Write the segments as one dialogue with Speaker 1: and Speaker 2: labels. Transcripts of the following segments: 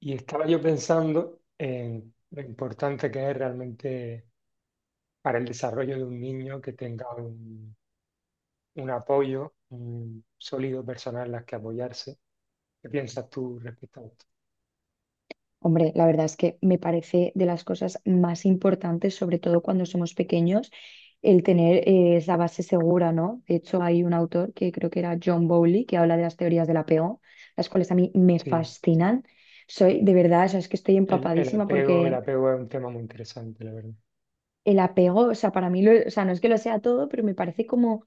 Speaker 1: Y estaba yo pensando en lo importante que es realmente para el desarrollo de un niño que tenga un apoyo, un sólido personal en las que apoyarse. ¿Qué piensas tú respecto a esto?
Speaker 2: Hombre, la verdad es que me parece de las cosas más importantes, sobre todo cuando somos pequeños, el tener esa base segura, ¿no? De hecho, hay un autor que creo que era John Bowlby que habla de las teorías del apego, las cuales a mí me
Speaker 1: Sí,
Speaker 2: fascinan. Soy, de verdad, o sea, es que estoy empapadísima
Speaker 1: el
Speaker 2: porque
Speaker 1: apego es un tema muy interesante, la verdad.
Speaker 2: el apego, o sea, para mí, o sea, no es que lo sea todo, pero me parece como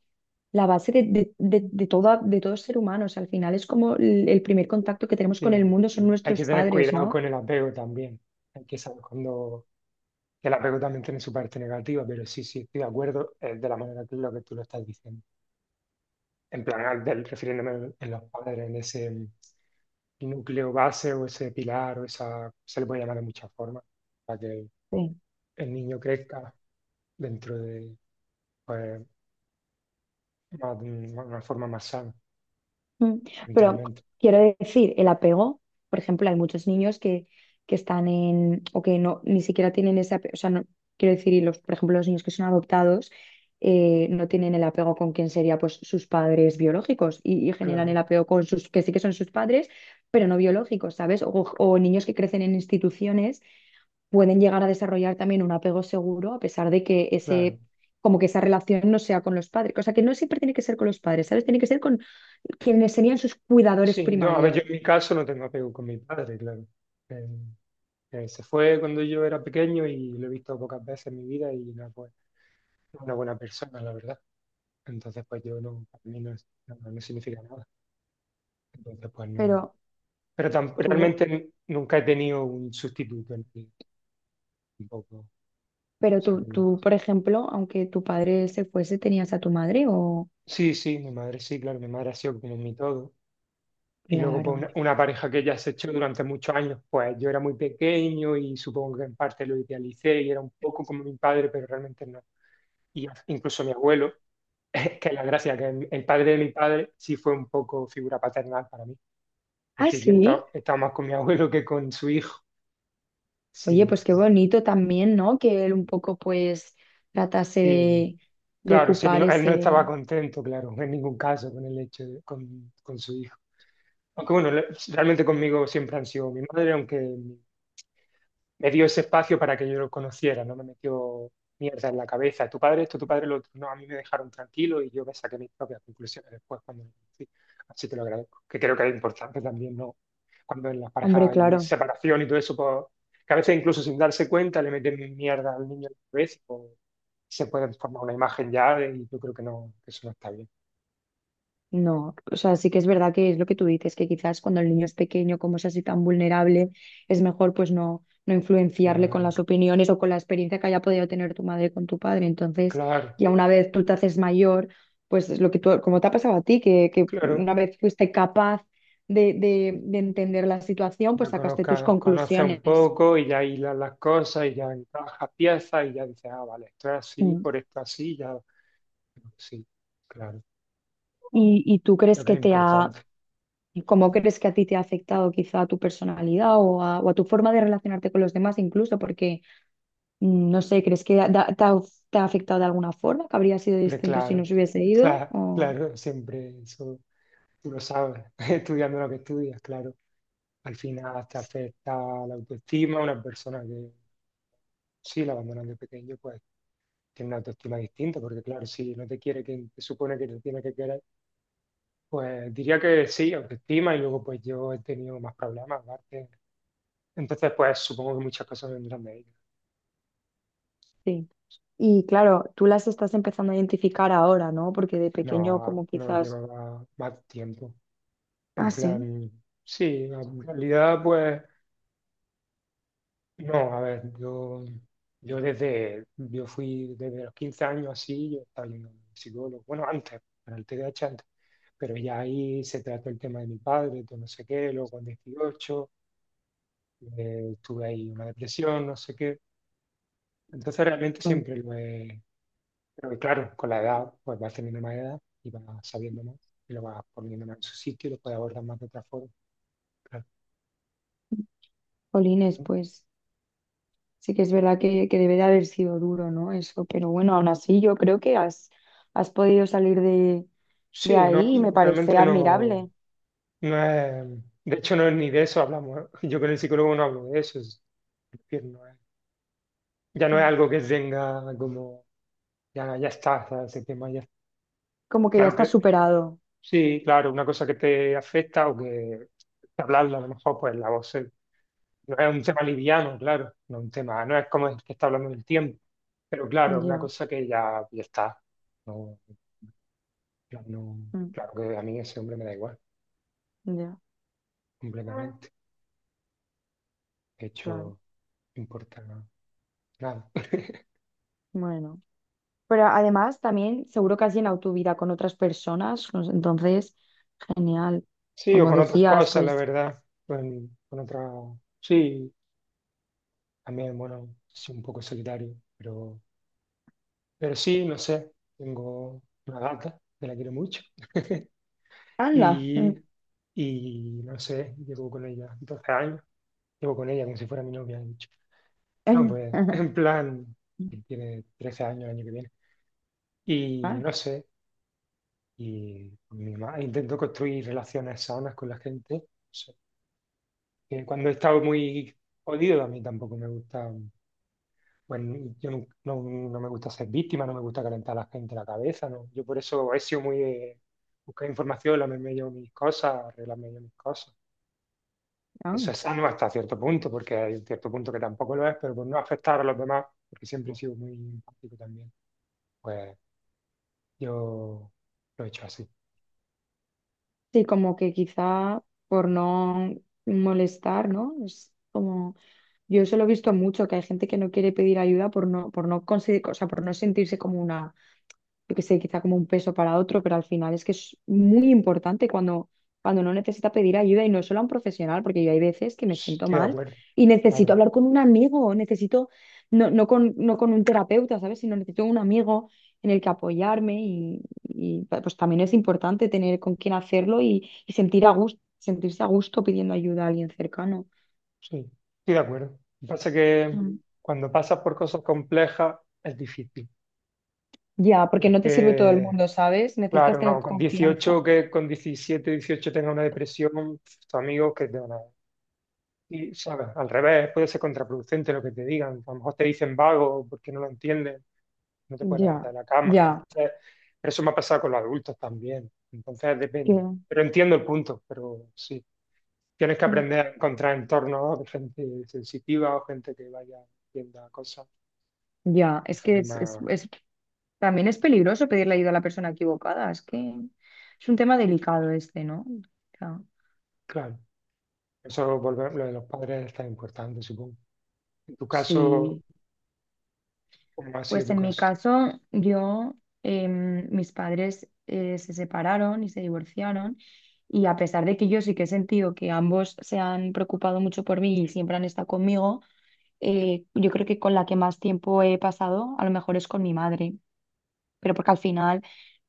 Speaker 2: la base de todo ser humano. O sea, al final es como el primer contacto que tenemos con el
Speaker 1: Sí,
Speaker 2: mundo son
Speaker 1: hay que
Speaker 2: nuestros
Speaker 1: tener
Speaker 2: padres,
Speaker 1: cuidado
Speaker 2: ¿no?
Speaker 1: con el apego también. Hay que saber cuando que el apego también tiene su parte negativa, pero sí, sí, estoy de acuerdo de la manera que lo que tú lo estás diciendo. En plan, refiriéndome en los padres en ese núcleo base o ese pilar o esa, se le puede llamar de muchas formas, para que el niño crezca dentro de, pues, una forma más sana
Speaker 2: Mm. Pero
Speaker 1: mentalmente.
Speaker 2: quiero decir, el apego, por ejemplo, hay muchos niños que están en, o que no, ni siquiera tienen ese apego, o sea, no, quiero decir, y los, por ejemplo, los niños que son adoptados no tienen el apego con quien sería pues sus padres biológicos y generan el
Speaker 1: Claro,
Speaker 2: apego con sus, que sí que son sus padres, pero no biológicos, ¿sabes? O niños que crecen en instituciones pueden llegar a desarrollar también un apego seguro a pesar de que
Speaker 1: claro.
Speaker 2: ese... como que esa relación no sea con los padres, o sea que no siempre tiene que ser con los padres, ¿sabes? Tiene que ser con, quienes serían sus cuidadores
Speaker 1: Sí, yo, a ver,
Speaker 2: primarios.
Speaker 1: yo en mi caso no tengo apego con mi padre, claro. Eh, se fue cuando yo era pequeño y lo he visto pocas veces en mi vida y nada, pues, es una buena persona, la verdad. Entonces, pues yo no, para mí no, no, no significa nada. Entonces, pues
Speaker 2: Pero
Speaker 1: no. Pero
Speaker 2: tú,
Speaker 1: realmente nunca he tenido un sustituto en mí, tampoco. O
Speaker 2: pero
Speaker 1: sea
Speaker 2: tú,
Speaker 1: que-
Speaker 2: tú, por ejemplo, aunque tu padre se fuese, tenías a tu madre o...
Speaker 1: sí, sí, mi madre sí, claro, mi madre ha sido como mi todo. Y luego pues,
Speaker 2: Claro.
Speaker 1: una pareja que ya se echó durante muchos años, pues yo era muy pequeño y supongo que en parte lo idealicé y era un poco como mi padre, pero realmente no. Y incluso mi abuelo, que es la gracia, que el padre de mi padre sí fue un poco figura paternal para mí. Es
Speaker 2: Ah,
Speaker 1: decir,
Speaker 2: sí.
Speaker 1: he estado más con mi abuelo que con su hijo.
Speaker 2: Oye,
Speaker 1: Sí,
Speaker 2: pues qué
Speaker 1: sí.
Speaker 2: bonito también, ¿no? Que él un poco pues tratase
Speaker 1: Y
Speaker 2: de
Speaker 1: claro, sí,
Speaker 2: ocupar
Speaker 1: él no
Speaker 2: ese...
Speaker 1: estaba contento, claro, en ningún caso con el hecho con su hijo. Aunque bueno, realmente conmigo siempre han sido mi madre, aunque me dio ese espacio para que yo lo conociera, no me metió mierda en la cabeza. Tu padre esto, tu padre lo otro. No, a mí me dejaron tranquilo y yo me saqué mis propias conclusiones después cuando lo conocí. Así que lo agradezco, que creo que es importante también, ¿no? Cuando en las
Speaker 2: Hombre,
Speaker 1: parejas hay
Speaker 2: claro.
Speaker 1: separación y todo eso, pues, que a veces incluso sin darse cuenta le meten mierda al niño en la cabeza, pues, se puede formar una imagen ya y yo creo que no, que eso no está bien.
Speaker 2: No, o sea, sí que es verdad que es lo que tú dices, que quizás cuando el niño es pequeño, como es así tan vulnerable, es mejor pues no, no influenciarle con
Speaker 1: Claro,
Speaker 2: las opiniones o con la experiencia que haya podido tener tu madre con tu padre. Entonces,
Speaker 1: claro,
Speaker 2: ya una vez tú te haces mayor, pues es lo que tú, como te ha pasado a ti, que
Speaker 1: claro.
Speaker 2: una vez fuiste capaz de entender la situación, pues
Speaker 1: La
Speaker 2: sacaste tus
Speaker 1: conozcas, conoces un
Speaker 2: conclusiones.
Speaker 1: poco y ya hilas las cosas y ya encajas piezas y ya dices, ah, vale, esto es así,
Speaker 2: Mm.
Speaker 1: por esto así, ya. Sí, claro,
Speaker 2: ¿Y tú
Speaker 1: creo
Speaker 2: crees
Speaker 1: que es importante.
Speaker 2: cómo crees que a ti te ha afectado quizá a tu personalidad o a tu forma de relacionarte con los demás incluso? No sé, ¿crees que te ha afectado de alguna forma? ¿Que habría sido
Speaker 1: Hombre,
Speaker 2: distinto si no
Speaker 1: claro,
Speaker 2: se hubiese ido?
Speaker 1: claro,
Speaker 2: O...
Speaker 1: claro, siempre eso tú lo sabes, estudiando lo que estudias, claro. Al final te afecta la autoestima, una persona que sí la abandonan de pequeño, pues tiene una autoestima distinta, porque claro, si no te quiere quien te supone que te tiene que querer, pues diría que sí, autoestima, y luego pues yo he tenido más problemas, aparte. Entonces, pues supongo que muchas cosas vendrán de ella.
Speaker 2: Sí. Y claro, tú las estás empezando a identificar ahora, ¿no? Porque de pequeño
Speaker 1: No,
Speaker 2: como
Speaker 1: no
Speaker 2: quizás...
Speaker 1: llevaba más tiempo.
Speaker 2: Ah,
Speaker 1: En
Speaker 2: sí.
Speaker 1: plan, sí, en realidad, pues, no, a ver, yo, yo fui desde los 15 años así, yo estaba yendo al psicólogo, bueno, antes, para el TDAH antes, pero ya ahí se trató el tema de mi padre, de no sé qué, luego con 18 tuve ahí una depresión, no sé qué. Entonces, realmente
Speaker 2: Bueno.
Speaker 1: siempre lo he. Pero y claro, con la edad, pues vas teniendo más edad y vas sabiendo más y lo vas poniendo más en su sitio y lo puedes abordar más de otra forma. Claro.
Speaker 2: Jolines, pues sí que es verdad que debe de haber sido duro, ¿no? Eso, pero bueno, aún así yo creo que has podido salir de
Speaker 1: Sí, no,
Speaker 2: ahí y me parece
Speaker 1: realmente no,
Speaker 2: admirable.
Speaker 1: no es, de hecho no es ni de eso hablamos. ¿Eh? Yo con el psicólogo no hablo de eso, es decir, ya no es algo
Speaker 2: Mm.
Speaker 1: que tenga como, ya, ya está, ¿sabes? Ese tema ya.
Speaker 2: Como que ya
Speaker 1: Claro
Speaker 2: estás
Speaker 1: que
Speaker 2: superado.
Speaker 1: sí, claro, una cosa que te afecta o que hablarla a lo mejor, pues la voz. No es un tema liviano, claro, no es un tema, no es como el que está hablando del tiempo, pero claro, es una
Speaker 2: Ya,
Speaker 1: cosa que ya, ya está. No, no,
Speaker 2: mm,
Speaker 1: claro que a mí ese hombre me da igual,
Speaker 2: ya,
Speaker 1: completamente. De
Speaker 2: claro.
Speaker 1: hecho, no importa nada.
Speaker 2: Bueno. Pero además también seguro que has llenado tu vida con otras personas, pues, entonces, genial.
Speaker 1: Sí, o
Speaker 2: Como
Speaker 1: con otras
Speaker 2: decías,
Speaker 1: cosas, la
Speaker 2: pues,
Speaker 1: verdad, con otras, sí, también, bueno, soy un poco solitario, pero sí, no sé, tengo una gata que la quiero mucho.
Speaker 2: anda.
Speaker 1: Y, y no sé, llevo con ella 12 años, llevo con ella como si fuera mi novia, de hecho. No, pues, en plan, él tiene 13 años el año que viene. Y
Speaker 2: Ah,
Speaker 1: no sé, y con mi mamá intento construir relaciones sanas con la gente. No sé, que cuando he estado muy jodido, a mí tampoco me gusta, bueno, yo nu- no, no me gusta ser víctima, no me gusta calentar a la gente la cabeza, ¿no? Yo por eso he sido muy de buscar información, lamerme yo mis cosas, arreglarme yo mis cosas. Eso
Speaker 2: ah.
Speaker 1: es sano hasta cierto punto, porque hay cierto punto que tampoco lo es, pero por no afectar a los demás, porque siempre he sido muy empático también. Pues yo lo he hecho así.
Speaker 2: Sí, como que quizá por no molestar, ¿no? Es como, yo eso lo he visto mucho, que hay gente que no quiere pedir ayuda por no conseguir, o sea, por no sentirse como una yo que sé, quizá como un peso para otro, pero al final es que es muy importante cuando, uno necesita pedir ayuda y no solo a un profesional, porque yo hay veces que me siento
Speaker 1: Estoy de
Speaker 2: mal
Speaker 1: acuerdo,
Speaker 2: y necesito
Speaker 1: claro,
Speaker 2: hablar con un amigo, necesito, no, no con un terapeuta, ¿sabes? Sino necesito un amigo en el que apoyarme pues también es importante tener con quién hacerlo y sentir a gusto, sentirse a gusto pidiendo ayuda a alguien cercano.
Speaker 1: sí, estoy de acuerdo. Lo que pasa es que
Speaker 2: Mm.
Speaker 1: cuando pasas por cosas complejas es difícil,
Speaker 2: Ya, porque no te sirve todo el
Speaker 1: porque,
Speaker 2: mundo, ¿sabes? Necesitas
Speaker 1: claro,
Speaker 2: tener
Speaker 1: no, con
Speaker 2: confianza.
Speaker 1: 18 que con 17 18 tenga una depresión, tus amigos que te van a... Y, ¿sabes? Al revés, puede ser contraproducente lo que te digan. A lo mejor te dicen vago porque no lo entiendes, no te puedes levantar
Speaker 2: Ya,
Speaker 1: de la cama.
Speaker 2: ya.
Speaker 1: Entonces, pero eso me ha pasado con los adultos también, entonces depende.
Speaker 2: Que-
Speaker 1: Pero entiendo el punto, pero sí, tienes que aprender a encontrar entornos de gente sensitiva o gente que vaya viendo cosas.
Speaker 2: Ya, es
Speaker 1: La
Speaker 2: que
Speaker 1: misma-
Speaker 2: también es peligroso pedirle ayuda a la persona equivocada. Es que es un tema delicado este, ¿no? O sea,
Speaker 1: Claro, eso volver, lo de los padres está importante, supongo. En tu caso,
Speaker 2: sí.
Speaker 1: ¿cómo ha sido
Speaker 2: Pues
Speaker 1: tu
Speaker 2: en mi
Speaker 1: caso?
Speaker 2: caso, yo, mis padres se separaron y se divorciaron. Y a pesar de que yo sí que he sentido que ambos se han preocupado mucho por mí y siempre han estado conmigo, yo creo que con la que más tiempo he pasado, a lo mejor es con mi madre. Pero porque al final,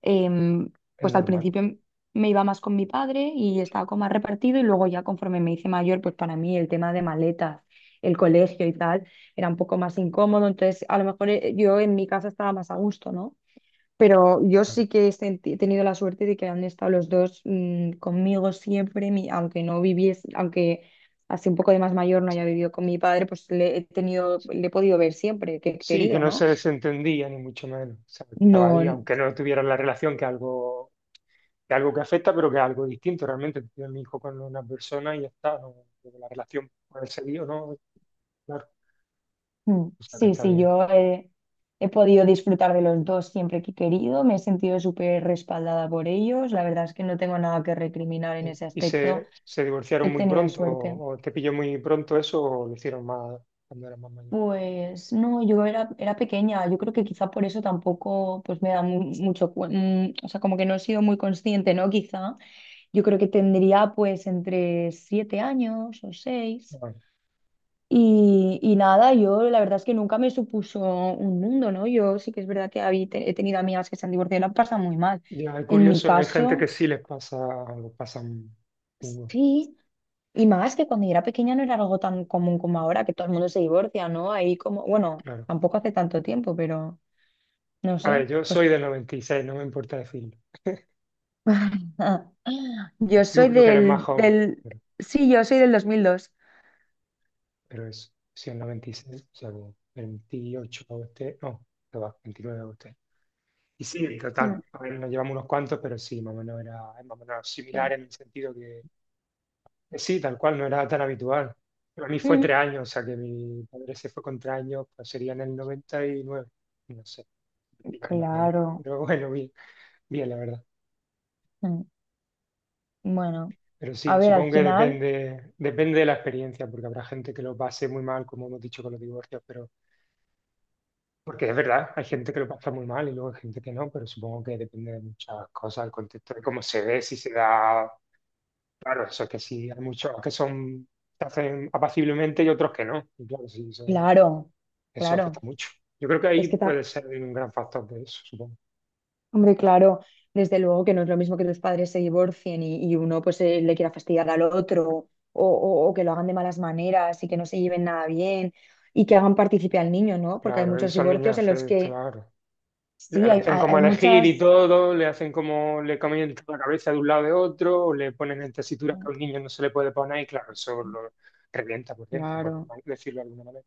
Speaker 2: em,
Speaker 1: Es
Speaker 2: pues al
Speaker 1: normal,
Speaker 2: principio me iba más con mi padre y estaba como más repartido y luego ya conforme me hice mayor, pues para mí el tema de maletas, el colegio y tal, era un poco más incómodo, entonces a lo mejor yo en mi casa estaba más a gusto, ¿no? Pero yo
Speaker 1: claro.
Speaker 2: sí que he tenido la suerte de que han estado los dos conmigo siempre, mi- aunque no viviese, aunque así un poco de más mayor no haya vivido con mi padre, pues le he tenido, le he podido ver siempre que he
Speaker 1: Sí, que
Speaker 2: querido,
Speaker 1: no
Speaker 2: ¿no?
Speaker 1: se desentendía, ni mucho menos. O sea, estaba
Speaker 2: No,
Speaker 1: ahí, aunque no tuvieran la relación, que algo que afecta, pero que es algo distinto. Realmente, tuve mi hijo con una persona y ya está, no, la relación puede seguir o no, claro.
Speaker 2: Mm,
Speaker 1: O sea, que
Speaker 2: Sí,
Speaker 1: está
Speaker 2: sí,
Speaker 1: bien.
Speaker 2: yo he podido disfrutar de los dos siempre que he querido, me he sentido súper respaldada por ellos, la verdad es que no tengo nada que recriminar en ese
Speaker 1: ¿Y
Speaker 2: aspecto,
Speaker 1: se divorciaron
Speaker 2: he
Speaker 1: muy
Speaker 2: tenido
Speaker 1: pronto?
Speaker 2: suerte.
Speaker 1: O te pilló muy pronto eso o lo hicieron más cuando eras más mayor?
Speaker 2: Pues no, yo era, era pequeña, yo creo que quizá por eso tampoco pues me da mucho, o sea, como que no he sido muy consciente, ¿no? Quizá yo creo que tendría pues entre 7 años o 6.
Speaker 1: Ah,
Speaker 2: Y nada, yo la verdad es que nunca me supuso un mundo, ¿no? Yo sí que es verdad que he tenido amigas que se han divorciado y lo han pasado muy mal.
Speaker 1: ya, es
Speaker 2: En mi
Speaker 1: curioso, hay gente que
Speaker 2: caso,
Speaker 1: sí les pasa, lo pasan duro,
Speaker 2: sí, y más que cuando yo era pequeña no era algo tan común como ahora, que todo el mundo se divorcia, ¿no? Ahí como, bueno,
Speaker 1: claro.
Speaker 2: tampoco hace tanto tiempo, pero no
Speaker 1: A ver,
Speaker 2: sé,
Speaker 1: yo
Speaker 2: pues
Speaker 1: soy del 96, no me importa decirlo.
Speaker 2: yo
Speaker 1: Tú
Speaker 2: soy
Speaker 1: creo que eres más
Speaker 2: del,
Speaker 1: joven,
Speaker 2: del,
Speaker 1: pero,
Speaker 2: sí, yo soy del 2002.
Speaker 1: pero eso, sí, el 96, o sea, como 28 a usted, no, que va, 29 a usted. Y sí, en total,
Speaker 2: Mm,
Speaker 1: a ver, nos llevamos unos cuantos, pero sí, más o menos era, es más o menos
Speaker 2: sí.
Speaker 1: similar en el sentido que. Sí, tal cual, no era tan habitual. Pero a mí fue tres
Speaker 2: Mm.
Speaker 1: años, o sea que mi padre se fue con tres años, pues sería en el 99, no sé, diría mi madre, ¿no?
Speaker 2: Claro.
Speaker 1: Pero bueno, bien, bien, la verdad.
Speaker 2: Mm. Bueno,
Speaker 1: Pero
Speaker 2: a
Speaker 1: sí,
Speaker 2: ver, al
Speaker 1: supongo que
Speaker 2: final...
Speaker 1: depende, depende de la experiencia, porque habrá gente que lo pase muy mal, como hemos dicho con los divorcios, pero porque es verdad, hay gente que lo pasa muy mal y luego hay gente que no, pero supongo que depende de muchas cosas, el contexto de cómo se ve, si se da, claro, eso es que sí, hay muchos que son, se hacen apaciblemente y otros que no. Y claro, sí, eso.
Speaker 2: Claro,
Speaker 1: Eso
Speaker 2: claro.
Speaker 1: afecta mucho. Yo creo que
Speaker 2: Es
Speaker 1: ahí
Speaker 2: que, ta-
Speaker 1: puede ser un gran factor de eso, supongo.
Speaker 2: hombre, claro, desde luego que no es lo mismo que tus padres se divorcien y uno pues le quiera fastidiar al otro o que lo hagan de malas maneras y que no se lleven nada bien y que hagan partícipe al niño, ¿no? Porque hay
Speaker 1: Claro,
Speaker 2: muchos
Speaker 1: esos niños
Speaker 2: divorcios en los
Speaker 1: afecta,
Speaker 2: que
Speaker 1: claro. Le
Speaker 2: sí,
Speaker 1: le
Speaker 2: hay,
Speaker 1: hacen
Speaker 2: hay,
Speaker 1: como
Speaker 2: hay
Speaker 1: elegir y
Speaker 2: muchas...
Speaker 1: todo, le hacen como le cambian la cabeza de un lado de otro, o le ponen en tesituras que a un niño no se le puede poner, y claro, eso lo revienta por dentro, por
Speaker 2: Claro.
Speaker 1: decirlo de alguna manera.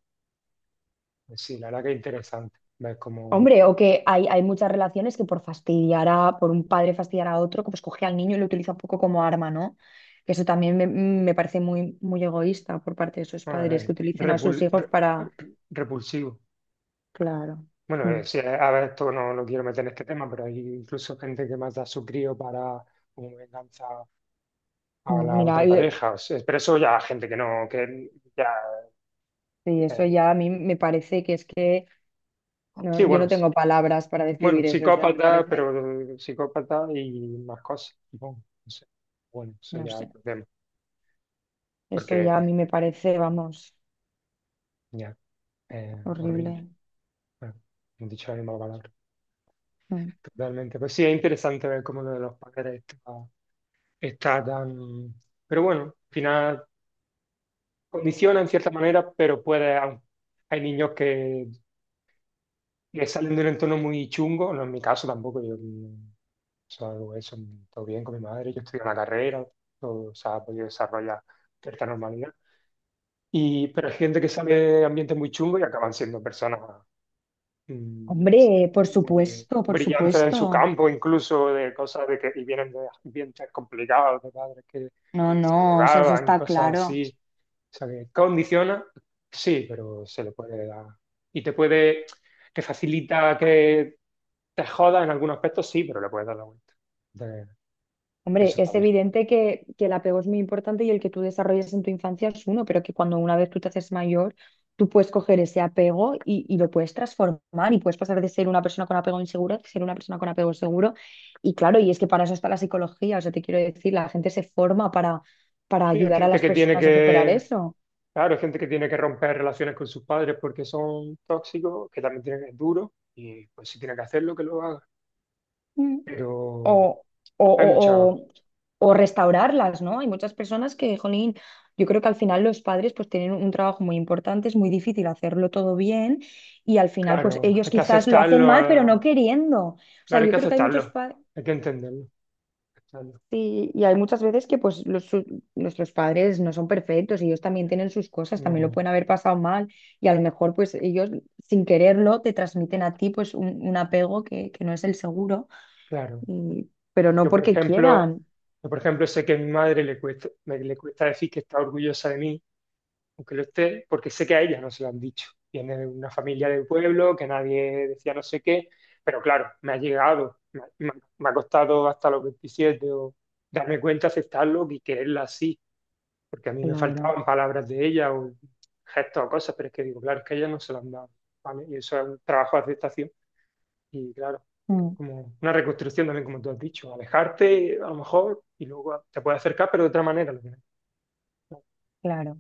Speaker 1: Pues sí, la verdad que es interesante. Es como
Speaker 2: Hombre, o que hay muchas relaciones que por fastidiar a, por un padre fastidiar a otro, que pues coge al niño y lo utiliza un poco como arma, ¿no? Que eso también me parece muy, muy egoísta por parte de esos
Speaker 1: bueno,
Speaker 2: padres que
Speaker 1: es
Speaker 2: utilicen a sus hijos para...
Speaker 1: repulsivo.
Speaker 2: Claro.
Speaker 1: Bueno,
Speaker 2: Mm,
Speaker 1: sí, a ver, esto no lo quiero meter en este tema, pero hay incluso gente que mata a su crío para como venganza a
Speaker 2: mm,
Speaker 1: la
Speaker 2: Mira,
Speaker 1: otra
Speaker 2: y,
Speaker 1: pareja. O sea, pero eso ya gente que no, que ya,
Speaker 2: y eso
Speaker 1: eh,
Speaker 2: ya a mí me parece que es que no,
Speaker 1: sí,
Speaker 2: yo
Speaker 1: bueno,
Speaker 2: no tengo palabras para
Speaker 1: bueno,
Speaker 2: describir eso, o sea, me
Speaker 1: psicópata, pero
Speaker 2: parece,
Speaker 1: psicópata y más cosas, supongo. No sé. Bueno, eso
Speaker 2: no
Speaker 1: ya
Speaker 2: sé,
Speaker 1: otro tema,
Speaker 2: eso ya a
Speaker 1: porque
Speaker 2: mí me parece, vamos,
Speaker 1: ya, horrible.
Speaker 2: horrible.
Speaker 1: Bueno, he dicho la misma palabra.
Speaker 2: Mm.
Speaker 1: Totalmente. Pues sí, es interesante ver cómo lo de los padres está, está tan. Pero bueno, al final condiciona en cierta manera, pero puede. Hay niños que salen de un entorno muy chungo, no en mi caso tampoco, yo todo bien con mi madre, yo estudié una carrera, todo se ha podido desarrollar cierta normalidad. Y, pero hay gente que sale de ambientes muy chungos y acaban siendo personas yo qué sé,
Speaker 2: Hombre, por
Speaker 1: muy
Speaker 2: supuesto, por
Speaker 1: brillantes en su
Speaker 2: supuesto.
Speaker 1: campo, incluso de cosas de que y vienen de ambientes complicados, de padres que
Speaker 2: No,
Speaker 1: se
Speaker 2: no, o sea, eso
Speaker 1: drogaban, y
Speaker 2: está
Speaker 1: cosas
Speaker 2: claro.
Speaker 1: así. O sea, que condiciona, sí, pero se le puede dar. Y te puede, que facilita que te joda en algunos aspectos, sí, pero le puedes dar la vuelta. De-
Speaker 2: Hombre,
Speaker 1: eso está
Speaker 2: es
Speaker 1: bien.
Speaker 2: evidente que el apego es muy importante y el que tú desarrolles en tu infancia es uno, pero que cuando una vez tú te haces mayor, tú puedes coger ese apego y lo puedes transformar y puedes pasar de ser una persona con apego inseguro a ser una persona con apego seguro. Y claro, y es que para eso está la psicología, o sea, te quiero decir, la gente se forma para
Speaker 1: Sí, hay
Speaker 2: ayudar a
Speaker 1: gente
Speaker 2: las
Speaker 1: que tiene
Speaker 2: personas a superar
Speaker 1: que,
Speaker 2: eso.
Speaker 1: claro, hay gente que tiene que romper relaciones con sus padres porque son tóxicos, que también tienen, es duro, y pues si tiene que hacerlo, que lo haga.
Speaker 2: Mm.
Speaker 1: Pero
Speaker 2: o, o,
Speaker 1: hay
Speaker 2: o-
Speaker 1: mucho,
Speaker 2: o- o restaurarlas, ¿no? Hay muchas personas que, jolín, yo creo que al final los padres pues tienen un trabajo muy importante, es muy difícil hacerlo todo bien y al final pues
Speaker 1: claro,
Speaker 2: ellos
Speaker 1: hay que
Speaker 2: quizás lo hacen
Speaker 1: aceptarlo,
Speaker 2: mal, pero no queriendo. O sea,
Speaker 1: claro, hay
Speaker 2: yo
Speaker 1: que
Speaker 2: creo que hay muchos
Speaker 1: aceptarlo,
Speaker 2: padres...
Speaker 1: hay que entenderlo, aceptarlo.
Speaker 2: y hay muchas veces que pues nuestros padres no son perfectos, ellos también tienen sus cosas, también lo
Speaker 1: No,
Speaker 2: pueden haber pasado mal y a lo mejor pues ellos sin quererlo te transmiten a ti pues un apego que no es el seguro,
Speaker 1: claro.
Speaker 2: y- pero no
Speaker 1: Yo, por
Speaker 2: porque
Speaker 1: ejemplo,
Speaker 2: quieran.
Speaker 1: yo, por ejemplo, sé que a mi madre le cuesta, le cuesta decir que está orgullosa de mí, aunque lo esté, porque sé que a ella no se lo han dicho. Viene de una familia del pueblo, que nadie decía no sé qué, pero claro, me ha llegado, me ha costado hasta los 27 o darme cuenta, aceptarlo y quererla así porque a mí me
Speaker 2: Claro,
Speaker 1: faltaban palabras de ella o gestos o cosas, pero es que digo, claro, es que ella no se lo han dado, ¿vale? Y eso es un trabajo de aceptación y claro,
Speaker 2: mm,
Speaker 1: como una reconstrucción también, como tú has dicho, alejarte a lo mejor y luego te puedes acercar, pero de otra manera. Lo que- no,
Speaker 2: claro.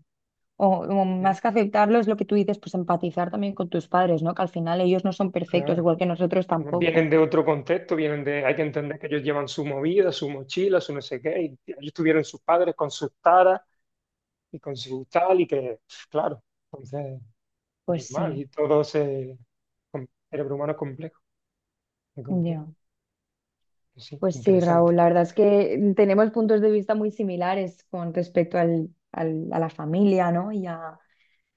Speaker 2: O, o
Speaker 1: eh,
Speaker 2: más que aceptarlo es lo que tú dices, pues empatizar también con tus padres, ¿no? Que al final ellos no son perfectos,
Speaker 1: Claro,
Speaker 2: igual que nosotros
Speaker 1: bueno, vienen
Speaker 2: tampoco.
Speaker 1: de otro contexto, vienen de, hay que entender que ellos llevan su movida, su mochila, su no sé qué, y ellos tuvieron sus padres con sus taras y con su tal, y que, claro, entonces,
Speaker 2: Pues
Speaker 1: normal,
Speaker 2: sí,
Speaker 1: y todo ese cerebro humano es complejo, muy complejo.
Speaker 2: ya.
Speaker 1: Pues sí,
Speaker 2: Pues sí,
Speaker 1: interesante.
Speaker 2: Raúl, la verdad es que tenemos puntos de vista muy similares con respecto al, al- a la familia, ¿no?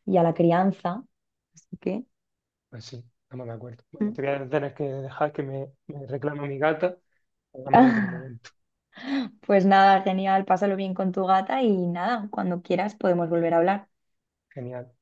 Speaker 2: Y a la crianza. Así que...
Speaker 1: Pues sí, estamos de acuerdo. Bueno,
Speaker 2: Mm.
Speaker 1: te voy a tener que dejar que me reclama mi gata. Hablamos en otro momento.
Speaker 2: Pues nada, genial, pásalo bien con tu gata y nada, cuando quieras podemos volver a hablar.
Speaker 1: Genial.